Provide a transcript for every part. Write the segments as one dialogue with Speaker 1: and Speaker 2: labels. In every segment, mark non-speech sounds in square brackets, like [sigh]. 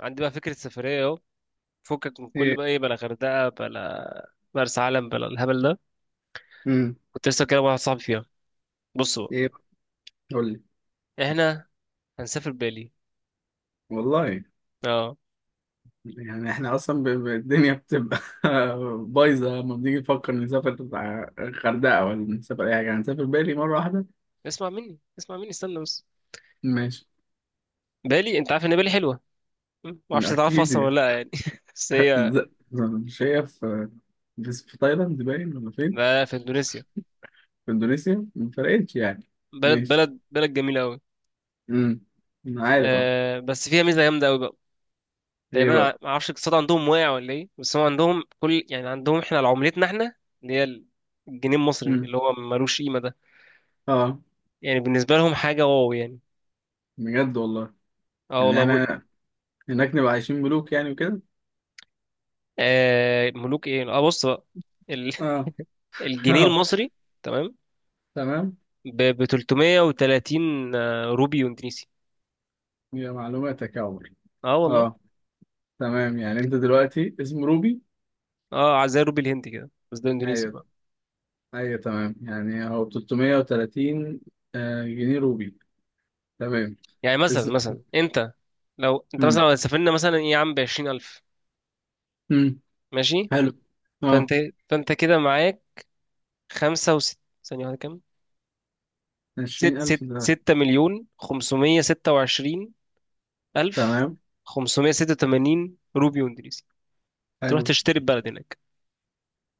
Speaker 1: عندي بقى فكرة سفرية اهو. فكك من كل
Speaker 2: ايه.
Speaker 1: بقى ايه، بلا غردقة، بلا مرسى علم، بلا الهبل ده.
Speaker 2: امم
Speaker 1: كنت لسه كده واحد صاحبي فيها. بص بقى،
Speaker 2: ايه، قول لي.
Speaker 1: احنا هنسافر بالي.
Speaker 2: والله.
Speaker 1: اه،
Speaker 2: يعني احنا اصلا الدنيا بتبقى [laughs] بايظه لما بنيجي نفكر نسافر الغردقه ولا نسافر اي حاجه، هنسافر بالي مره واحده.
Speaker 1: اسمع مني اسمع مني استنى بس.
Speaker 2: ماشي.
Speaker 1: بالي، انت عارف ان بالي حلوة. ما اعرفش تعرفها
Speaker 2: اكيد
Speaker 1: اصلا
Speaker 2: يعني.
Speaker 1: ولا لا، يعني [laughs] بس
Speaker 2: [laughs]
Speaker 1: هي
Speaker 2: ز- مش هي في تايلاند باين ولا فين؟
Speaker 1: بقى في اندونيسيا.
Speaker 2: في اندونيسيا، ما فرقتش يعني.
Speaker 1: بلد
Speaker 2: ماشي.
Speaker 1: بلد بلد جميلة قوي.
Speaker 2: امم انا عارف. اه.
Speaker 1: آه بس فيها ميزة جامدة قوي بقى.
Speaker 2: ايه
Speaker 1: تقريبا
Speaker 2: بقى؟
Speaker 1: ما اعرفش الاقتصاد عندهم واقع ولا ايه، بس هو عندهم كل، يعني عندهم احنا على عملتنا احنا اللي هي الجنيه المصري
Speaker 2: امم
Speaker 1: اللي هو ملوش قيمة ده.
Speaker 2: اه.
Speaker 1: يعني بالنسبة لهم حاجة واو يعني.
Speaker 2: بجد والله.
Speaker 1: اه
Speaker 2: يعني
Speaker 1: والله
Speaker 2: احنا هناك نبقى عايشين ملوك يعني وكده.
Speaker 1: آه ملوك ايه، اه بص بقى. ال...
Speaker 2: اه.
Speaker 1: [laughs]
Speaker 2: [laughs]
Speaker 1: الجنيه
Speaker 2: اه.
Speaker 1: المصري. تمام.
Speaker 2: تمام.
Speaker 1: ب 330 روبي اندونيسي.
Speaker 2: يا معلوماتك يا عمر.
Speaker 1: اه والله.
Speaker 2: اه. تمام يعني انت دلوقتي اسم روبي.
Speaker 1: اه زي روبي الهندي كده، بس ده اندونيسي
Speaker 2: ايوه.
Speaker 1: بقى.
Speaker 2: ايوه تمام يعني هو ب 330 جنيه روبي. تمام.
Speaker 1: يعني مثلا
Speaker 2: اسم.
Speaker 1: مثلا انت،
Speaker 2: امم
Speaker 1: لو سافرنا مثلا ايه يا عم ب 20000.
Speaker 2: امم
Speaker 1: ماشي.
Speaker 2: حلو.
Speaker 1: فانت
Speaker 2: اه،
Speaker 1: فانت كده معاك خمسة وست، ثانية واحدة كام. ست
Speaker 2: 20000
Speaker 1: ست
Speaker 2: ده؟
Speaker 1: ستة مليون خمسمية ستة وعشرين ألف
Speaker 2: تمام.
Speaker 1: خمسمية ستة وتمانين روبي اندونيسي. تروح
Speaker 2: حلو.
Speaker 1: تشتري البلد هناك.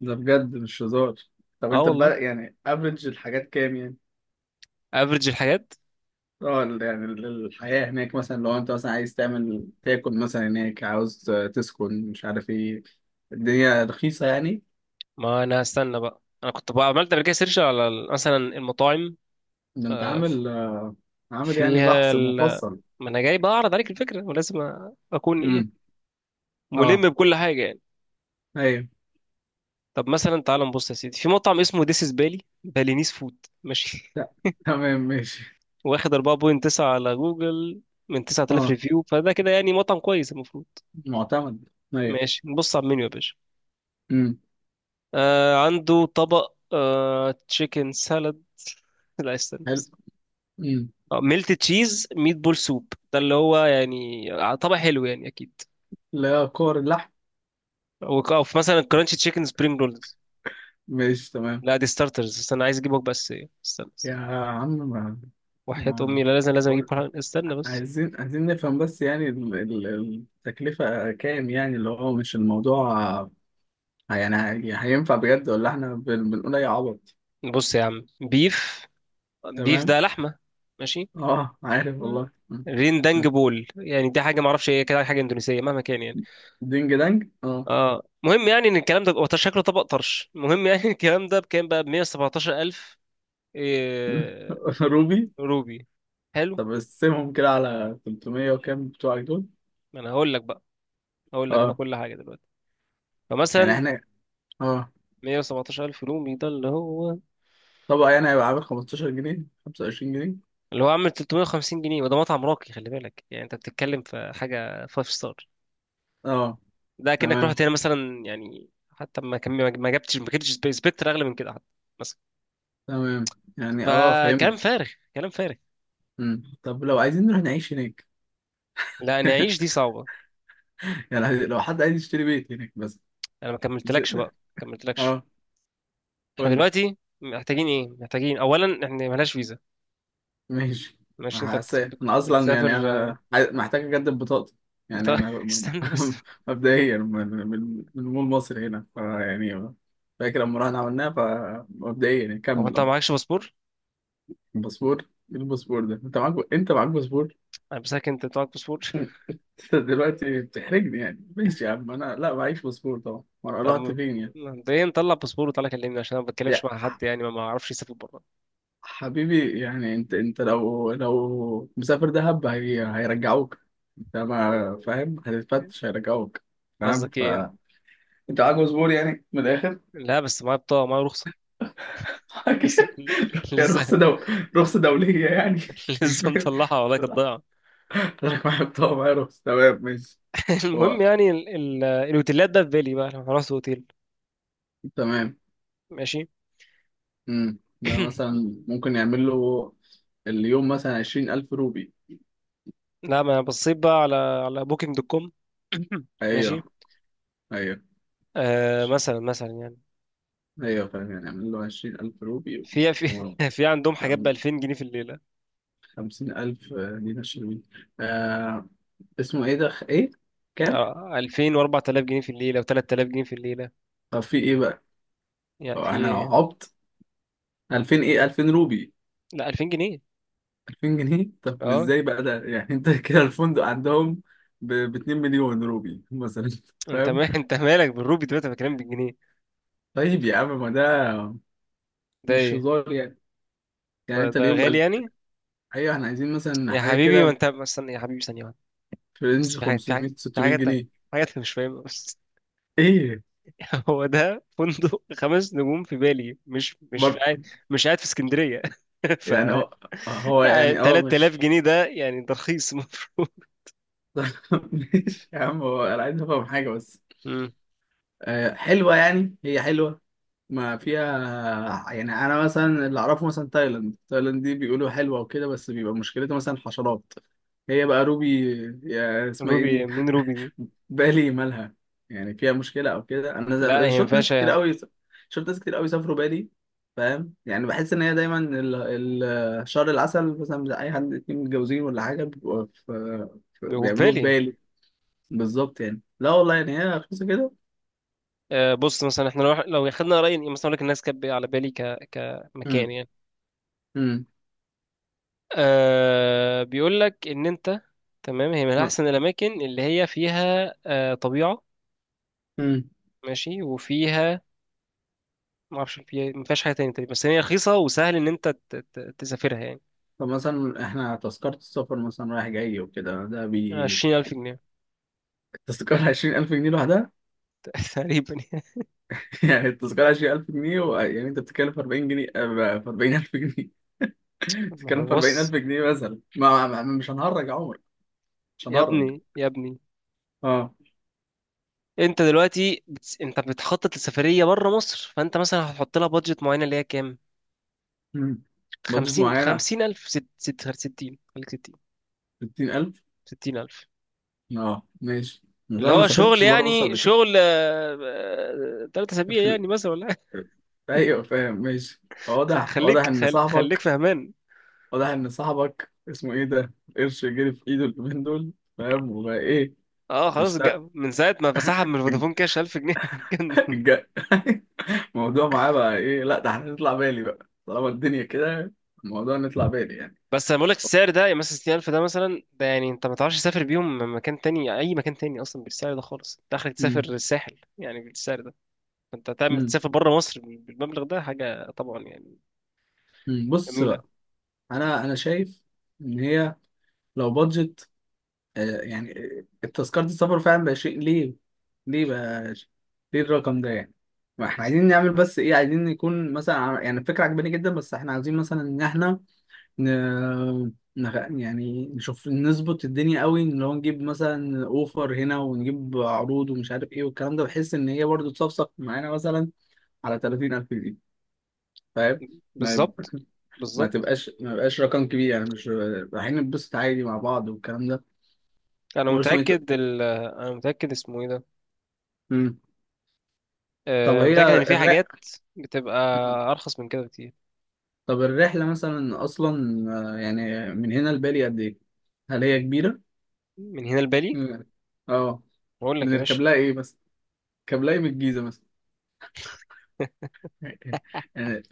Speaker 2: ده بجد مش هزار. طب
Speaker 1: اه
Speaker 2: انت
Speaker 1: والله.
Speaker 2: بقى، يعني افريج الحاجات كام يعني؟
Speaker 1: افريج الحاجات.
Speaker 2: اه، الحياة هناك مثلا، لو انت مثلا عايز تعمل تاكل مثلا هناك، عاوز تسكن مش عارف ايه. الدنيا رخيصة يعني.
Speaker 1: ما انا هستنى بقى، انا كنت بقى عملت قبل كده سيرش على مثلا المطاعم.
Speaker 2: ده انت
Speaker 1: آه، ف-
Speaker 2: عامل. عامل يعني
Speaker 1: فيها
Speaker 2: بحث مفصل؟
Speaker 1: ما انا جاي بقى اعرض عليك الفكره، ولازم اكون ايه،
Speaker 2: امم
Speaker 1: ملم
Speaker 2: اه.
Speaker 1: بكل حاجه يعني.
Speaker 2: ايوه.
Speaker 1: طب مثلا تعال نبص يا سيدي في مطعم اسمه ديس از بالي بالينيس فود. ماشي.
Speaker 2: ت- تمام
Speaker 1: [laughs]
Speaker 2: ماشي.
Speaker 1: واخد 4.9 على جوجل من 9000
Speaker 2: اه،
Speaker 1: ريفيو، فده كده يعني مطعم كويس المفروض.
Speaker 2: معتمد. ايوه.
Speaker 1: ماشي، نبص على المنيو يا باشا.
Speaker 2: امم
Speaker 1: آه عنده طبق، تشيكن سالاد. [laughs] لا استنى.
Speaker 2: حلو. امم.
Speaker 1: ميلت تشيز ميت بول سوب، ده اللي هو يعني، طبع حلو يعني اكيد.
Speaker 2: لا كور اللحم.
Speaker 1: او في مثلا كرانشي تشيكن سبرينج رولز.
Speaker 2: ماشي تمام
Speaker 1: لا دي ستارترز، استنى، عايز اجيبك بس إيه. استنى بس.
Speaker 2: يا عم. ما
Speaker 1: وحياة
Speaker 2: ما
Speaker 1: امي لا، لازم لازم
Speaker 2: قول-
Speaker 1: اجيب استنى بس.
Speaker 2: عايزين، نفهم بس، يعني التكلفة كام يعني؟ اللي هو مش الموضوع، يعني هينفع بجد ولا احنا بنقول اي عبط؟
Speaker 1: بص يا عم، بيف، بيف
Speaker 2: تمام.
Speaker 1: ده لحمة. ماشي.
Speaker 2: اه عارف
Speaker 1: مم.
Speaker 2: والله. مم.
Speaker 1: رين دانج
Speaker 2: مم.
Speaker 1: بول، يعني دي حاجه ما اعرفش ايه، كده حاجه اندونيسيه مهما كان يعني.
Speaker 2: دينج دانج، اه.
Speaker 1: اه مهم يعني ان الكلام ده هو شكله طبق طرش، المهم يعني [laughs] الكلام ده بكام بقى؟ ب 117000 إيه...
Speaker 2: [laughs] روبي.
Speaker 1: روبي. حلو.
Speaker 2: طب قسمهم كده على 300 وكام بتوعك دول.
Speaker 1: ما انا هقول لك بقى، اقول لك انا
Speaker 2: اه.
Speaker 1: كل حاجه دلوقتي.
Speaker 2: يعني
Speaker 1: فمثلا
Speaker 2: احنا اه
Speaker 1: 117 الف رومي ده،
Speaker 2: طبق يعني هيبقى عامل 15 جنيه، 25 جنيه.
Speaker 1: اللي هو عامل 350 جنيه، وده مطعم راقي خلي بالك، يعني انت بتتكلم في حاجه 5 ستار.
Speaker 2: اه.
Speaker 1: ده كأنك
Speaker 2: تمام.
Speaker 1: رحت هنا مثلا يعني، حتى ما كم ما جبتش سبكتر اغلى من كده حتى مثلا.
Speaker 2: تمام يعني اه فهمت.
Speaker 1: فكلام فارغ، كلام فارغ.
Speaker 2: مم. طب لو عايزين نروح نعيش هناك.
Speaker 1: لا، انا اعيش دي
Speaker 2: [laughs]
Speaker 1: صعبه.
Speaker 2: يعني لو حد عايز يشتري بيت هناك بس.
Speaker 1: انا ما كملتلكش
Speaker 2: د-
Speaker 1: بقى، ما كملتلكش.
Speaker 2: اه
Speaker 1: احنا
Speaker 2: قول لي.
Speaker 1: دلوقتي محتاجين ايه؟ محتاجين اولا، احنا ملهاش فيزا.
Speaker 2: ماشي.
Speaker 1: ماشي. انت
Speaker 2: حاسس انا اصلا
Speaker 1: بتسافر،
Speaker 2: يعني انا محتاج اجدد بطاقتي.
Speaker 1: بت...
Speaker 2: يعني انا
Speaker 1: [laughs] استنى بس.
Speaker 2: [laughs] مبدئيا من مول مصر هنا فيعني، فاكر لما رحنا عملناها، فمبدئيا
Speaker 1: هو
Speaker 2: نكمل.
Speaker 1: انت
Speaker 2: اه
Speaker 1: معكش باسبور؟
Speaker 2: الباسبور. ايه الباسبور ده؟ انت معاك، باسبور؟
Speaker 1: انا بسالك، انت معاك باسبور؟
Speaker 2: انت دلوقتي بتحرجني يعني. ماشي يا عم، انا لا، معيش باسبور طبعا، وانا
Speaker 1: طب
Speaker 2: رحت
Speaker 1: ما-
Speaker 2: فين يعني؟
Speaker 1: ما- ده ايه، نطلع باسبور وتعالى كلمني، عشان انا ما بتكلمش
Speaker 2: يا
Speaker 1: مع
Speaker 2: ح-
Speaker 1: حد يعني، ما اعرفش يسافر بره.
Speaker 2: حبيبي يعني. انت لو مسافر دهب، هيرجعوك. انت ما فاهم، هتتفتش هيرجعوك. فاهم.
Speaker 1: قصدك ايه يعني؟
Speaker 2: فانت معاك باسبور يعني، من الاخر؟
Speaker 1: لا بس معايا بطاقه، معايا رخصه. [laughs]
Speaker 2: [laughs]
Speaker 1: لسه،
Speaker 2: يا
Speaker 1: لسه،
Speaker 2: رخصة رخصة دولية يعني؟ مش
Speaker 1: لسه
Speaker 2: فاهم.
Speaker 1: مطلعها والله، كانت
Speaker 2: [laughs]
Speaker 1: ضايعه.
Speaker 2: حضرتك معاك؟ طبعا معايا رخصة. تمام ماشي.
Speaker 1: [laughs] المهم
Speaker 2: هو.
Speaker 1: يعني الاوتيلات ده في بالي بقى، لو هنروح اوتيل.
Speaker 2: تمام.
Speaker 1: ماشي.
Speaker 2: ده
Speaker 1: [clears throat]
Speaker 2: مثلا ممكن يعمل له اليوم مثلا 20 ألف روبي.
Speaker 1: لا، ما انا بصيت بقى على بوكينج دوت كوم. [clears throat] ماشي.
Speaker 2: أيوه. أيوه.
Speaker 1: آه، مثلا يعني،
Speaker 2: أيوه فاهم، يعني يعمل له 20 ألف روبي
Speaker 1: في
Speaker 2: و
Speaker 1: [laughs] في عندهم حاجات ب 2000 جنيه في الليله.
Speaker 2: 50 ألف دينار شلوي. آه، اسمه إيه ده؟ إيه كام؟
Speaker 1: اه 2000 و4000 جنيه في الليله و3000 جنيه في الليله.
Speaker 2: طب في إيه بقى؟ طب
Speaker 1: يعني في
Speaker 2: أنا
Speaker 1: ايه؟
Speaker 2: عبط. ألفين إيه؟ 2000 روبي؟
Speaker 1: لا 2000 جنيه.
Speaker 2: 2000 جنيه؟ طب
Speaker 1: اه
Speaker 2: إزاي بقى ده يعني أنت؟ [laughs] كده الفندق عندهم ب 2 مليون روبي مثلا؟ [laughs] فاهم؟
Speaker 1: ما انت مالك بالروبي دلوقتي، انا بكلمك بالجنيه.
Speaker 2: طيب يا عم ما ده
Speaker 1: ده
Speaker 2: مش
Speaker 1: ايه؟
Speaker 2: هزار يعني. يعني
Speaker 1: ده
Speaker 2: أنت
Speaker 1: ده
Speaker 2: اليوم.
Speaker 1: غالي يعني.
Speaker 2: ايوه احنا عايزين مثلا
Speaker 1: يا
Speaker 2: حاجه
Speaker 1: حبيبي، ما
Speaker 2: كده،
Speaker 1: انت، ما استنى يا حبيبي ثانيه واحده،
Speaker 2: في
Speaker 1: بس
Speaker 2: رينج
Speaker 1: في حاجه، في حاجه،
Speaker 2: 500
Speaker 1: في
Speaker 2: 600
Speaker 1: حاجه تانية،
Speaker 2: جنيه
Speaker 1: في حاجه انت مش فاهمها بس.
Speaker 2: ايه
Speaker 1: [laughs] هو ده فندق خمس نجوم في بالي، مش في
Speaker 2: برضه
Speaker 1: قاعد، مش قاعد في اسكندريه. [laughs] ف
Speaker 2: يعني؟ هو يعني اه
Speaker 1: 3000
Speaker 2: ماشي.
Speaker 1: جنيه ده يعني، ده رخيص، [laughs] المفروض.
Speaker 2: [laughs] ماشي يا عم. هو انا عايز افهم حاجه بس،
Speaker 1: مم.
Speaker 2: حلوه يعني. هي حلوه ما فيها. يعني انا مثلا اللي اعرفه مثلا، تايلاند، تايلاند دي بيقولوا حلوه وكده، بس بيبقى مشكلتها مثلا حشرات. هي بقى روبي يا اسمها ايه
Speaker 1: روبي
Speaker 2: دي،
Speaker 1: مين، روبي دي؟
Speaker 2: بالي، مالها؟ يعني فيها مشكلة أو كده؟ أنا
Speaker 1: لا هي ما ينفعش هو
Speaker 2: شفت ناس كتير قوي سافروا بالي. فاهم؟ يعني بحس إن هي دايما شهر العسل مثلا بتاع أي حد اتنين متجوزين ولا حاجة، بيبقوا
Speaker 1: في
Speaker 2: بيعملوه في
Speaker 1: بالي.
Speaker 2: بالي. بالظبط يعني. لا والله يعني هي رخيصة كده.
Speaker 1: بص مثلا احنا لو خدنا راي مثلا، اقول لك الناس كانت على بالي
Speaker 2: امم
Speaker 1: كمكان يعني.
Speaker 2: امم
Speaker 1: آه بيقول لك ان انت، تمام، هي من
Speaker 2: آه.
Speaker 1: احسن الاماكن اللي هي فيها طبيعه.
Speaker 2: امم.
Speaker 1: ماشي، وفيها، ما اعرفش فيها ما فيهاش حاجه تانية تقريبا، بس هي رخيصه وسهل ان انت تسافرها يعني.
Speaker 2: طب مثلا إحنا تذكرة السفر مثلا رايح جاي وكده ده بي؟
Speaker 1: 20000 جنيه
Speaker 2: التذكرة 20 ألف جنيه لوحدها؟
Speaker 1: [laughs] تقريبا يعني.
Speaker 2: [laughs] يعني التذكرة 20 ألف جنيه يعني أنت بتتكلف 40 جنيه في 40 ألف جنيه.
Speaker 1: ما
Speaker 2: بتتكلم
Speaker 1: هو
Speaker 2: في 40000
Speaker 1: بص،
Speaker 2: جنيه مثلا، مش هنهرج يا عمر. مش
Speaker 1: يا
Speaker 2: هنهرج.
Speaker 1: ابني يا ابني،
Speaker 2: اه.
Speaker 1: انت دلوقتي انت بتخطط لسفريه بره مصر، فانت مثلا هتحط لها بادجت معينه اللي هي كام؟
Speaker 2: مم. بادجت
Speaker 1: 50
Speaker 2: معينة.
Speaker 1: 50000، ست 60، خليك 60،
Speaker 2: 60000.
Speaker 1: 60000،
Speaker 2: اه ماشي. بس
Speaker 1: اللي
Speaker 2: انا ما
Speaker 1: هو شغل،
Speaker 2: سافرتش بره مصر
Speaker 1: يعني
Speaker 2: قبل كده.
Speaker 1: شغل 3 أسابيع
Speaker 2: في ال...
Speaker 1: يعني مثلا ولا حاجة.
Speaker 2: ايوه فاهم. ماشي.
Speaker 1: [laughs]
Speaker 2: واضح واضح ان
Speaker 1: خليك
Speaker 2: صاحبك
Speaker 1: فهمان.
Speaker 2: واضح ان صاحبك اسمه ايه ده قرش جري في ايده اليومين دول. فاهم وبقى ايه،
Speaker 1: اه خلاص
Speaker 2: بيشتغل؟
Speaker 1: من ساعة ما فسحب من فودافون
Speaker 2: [laughs]
Speaker 1: كاش 1000 جنيه، [laughs] كان-
Speaker 2: الج- [laughs] الموضوع معاه بقى ايه. لا ده احنا نطلع بالي بقى طالما الدنيا كده. الموضوع نطلع بالي يعني.
Speaker 1: بس أنا بقول لك السعر ده، يعني مثلا 60000 ده مثلا، ده يعني أنت ما تعرفش تسافر بيهم مكان تاني، أي مكان تاني أصلا بالسعر ده خالص، أنت آخرك تسافر
Speaker 2: امم
Speaker 1: الساحل يعني بالسعر ده. فأنت تعمل تسافر بره مصر بالمبلغ ده حاجة طبعا يعني
Speaker 2: بص،
Speaker 1: جميلة.
Speaker 2: انا شايف ان هي لو بادجت يعني تذكرة السفر فعلا بقى شيء ليه، ليه بقى ليه الرقم ده يعني؟ ما احنا عايزين نعمل بس ايه، عايزين يكون مثلا يعني الفكرة عجباني جدا، بس احنا عايزين مثلا ان احنا ن... يعني نشوف نظبط الدنيا قوي، ان لو نجيب مثلا اوفر هنا ونجيب عروض ومش عارف ايه والكلام ده، بحيث ان هي برضه تصفصف معانا مثلا على 30000 جنيه. فاهم؟
Speaker 1: بالظبط،
Speaker 2: ما
Speaker 1: بالظبط.
Speaker 2: تبقاش، ما يبقاش رقم كبير يعني، مش رايحين نتبسط عادي مع بعض والكلام ده.
Speaker 1: أنا
Speaker 2: هو اسمه ايه
Speaker 1: متأكد أنا متأكد اسمه إيه ده،
Speaker 2: مم. طب هي
Speaker 1: متأكد إن في
Speaker 2: الرحلة.
Speaker 1: حاجات بتبقى أرخص من كده بكتير.
Speaker 2: طب الرحلة مثلا أصلا يعني من هنا لبالي قد إيه؟ هل هي كبيرة؟
Speaker 1: من هنا لبالي،
Speaker 2: مم. اه.
Speaker 1: أقول لك يا باشا.
Speaker 2: بنركب لها إيه مثلا؟ بنركب لها إيه من الجيزة مثلا؟ [laughs] يعني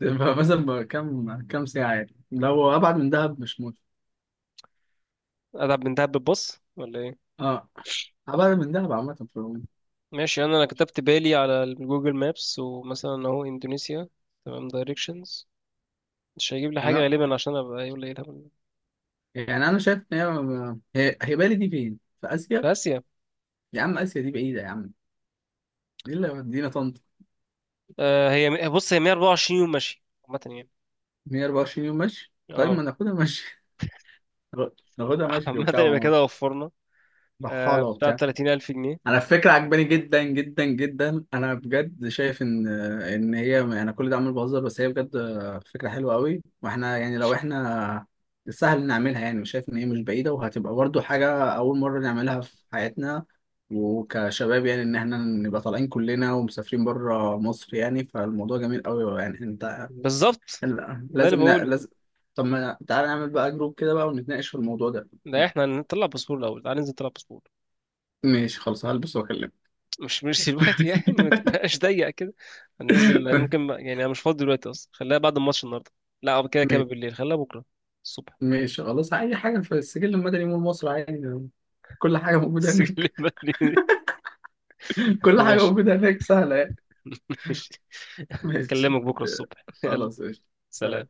Speaker 2: تبقى مثلا بقى كام ساعة يعني؟ لو أبعد من دهب مش موت.
Speaker 1: أدعب من دهب بالباص ولا إيه؟
Speaker 2: اه. أبعد من دهب عامة في العموم.
Speaker 1: ماشي. أنا كتبت بالي على جوجل مابس ومثلا أهو إندونيسيا، تمام، دايركشنز. مش هيجيب لي
Speaker 2: يعني
Speaker 1: حاجة غالبا، عشان أبقى يقول لي إيه الهبل ده.
Speaker 2: يعني أنا شايف إن هي بالي دي فين؟ في آسيا؟
Speaker 1: في آسيا.
Speaker 2: يا عم آسيا دي بعيدة يا عم، دي اللي مدينا طنطا.
Speaker 1: آه، هي بص، هي 124 يوم ماشي، عامة يعني.
Speaker 2: 124 يوم ماشي؟ طيب
Speaker 1: أه
Speaker 2: ما ناخدها ماشي. [laughs] ناخدها
Speaker 1: [laughs]
Speaker 2: ماشي
Speaker 1: عامة
Speaker 2: وبتاع
Speaker 1: يبقى كده وفرنا
Speaker 2: رحالة
Speaker 1: بتاع
Speaker 2: وبتاع.
Speaker 1: 30000 جنيه.
Speaker 2: انا الفكرة عجباني جدا جدا جدا، انا بجد شايف ان هي، انا كل ده عمال بهزر بس هي بجد فكرة حلوة قوي. واحنا يعني لو احنا سهل نعملها يعني، مش شايف ان هي مش بعيدة، وهتبقى برضو حاجة اول مرة نعملها في حياتنا، وكشباب يعني ان احنا نبقى طالعين كلنا ومسافرين بره مصر. يعني فالموضوع جميل قوي يعني انت.
Speaker 1: بالظبط،
Speaker 2: لا،
Speaker 1: ده اللي
Speaker 2: لازم
Speaker 1: بقوله.
Speaker 2: لازم. طب ما تعالى نعمل بقى جروب كده بقى ونتناقش في الموضوع ده.
Speaker 1: ده إحنا هنطلع باسبور الأول، تعالى ننزل نطلع باسبور.
Speaker 2: ماشي خلاص، هلبس واكلمك.
Speaker 1: مش دلوقتي يعني، ما
Speaker 2: [laughs]
Speaker 1: تبقاش ضيق كده. هننزل يعني انا مش فاضي دلوقتي اصلا، خليها بعد الماتش النهارده. لا، أو كده كده
Speaker 2: ماشي.
Speaker 1: بالليل، خليها بكره الصبح.
Speaker 2: ماشي خلاص. اي حاجه في السجل المدني مول مصر عادي، كل حاجه
Speaker 1: [laughs]
Speaker 2: موجوده
Speaker 1: سجل
Speaker 2: هناك.
Speaker 1: بدري.
Speaker 2: [laughs] كل حاجه
Speaker 1: ماشي.
Speaker 2: موجوده هناك سهله يعني.
Speaker 1: [laughs] ماشي.
Speaker 2: ماشي.
Speaker 1: اكلمك بكره الصبح، يلا.
Speaker 2: خلاص. ماشي. سلام.
Speaker 1: سلام.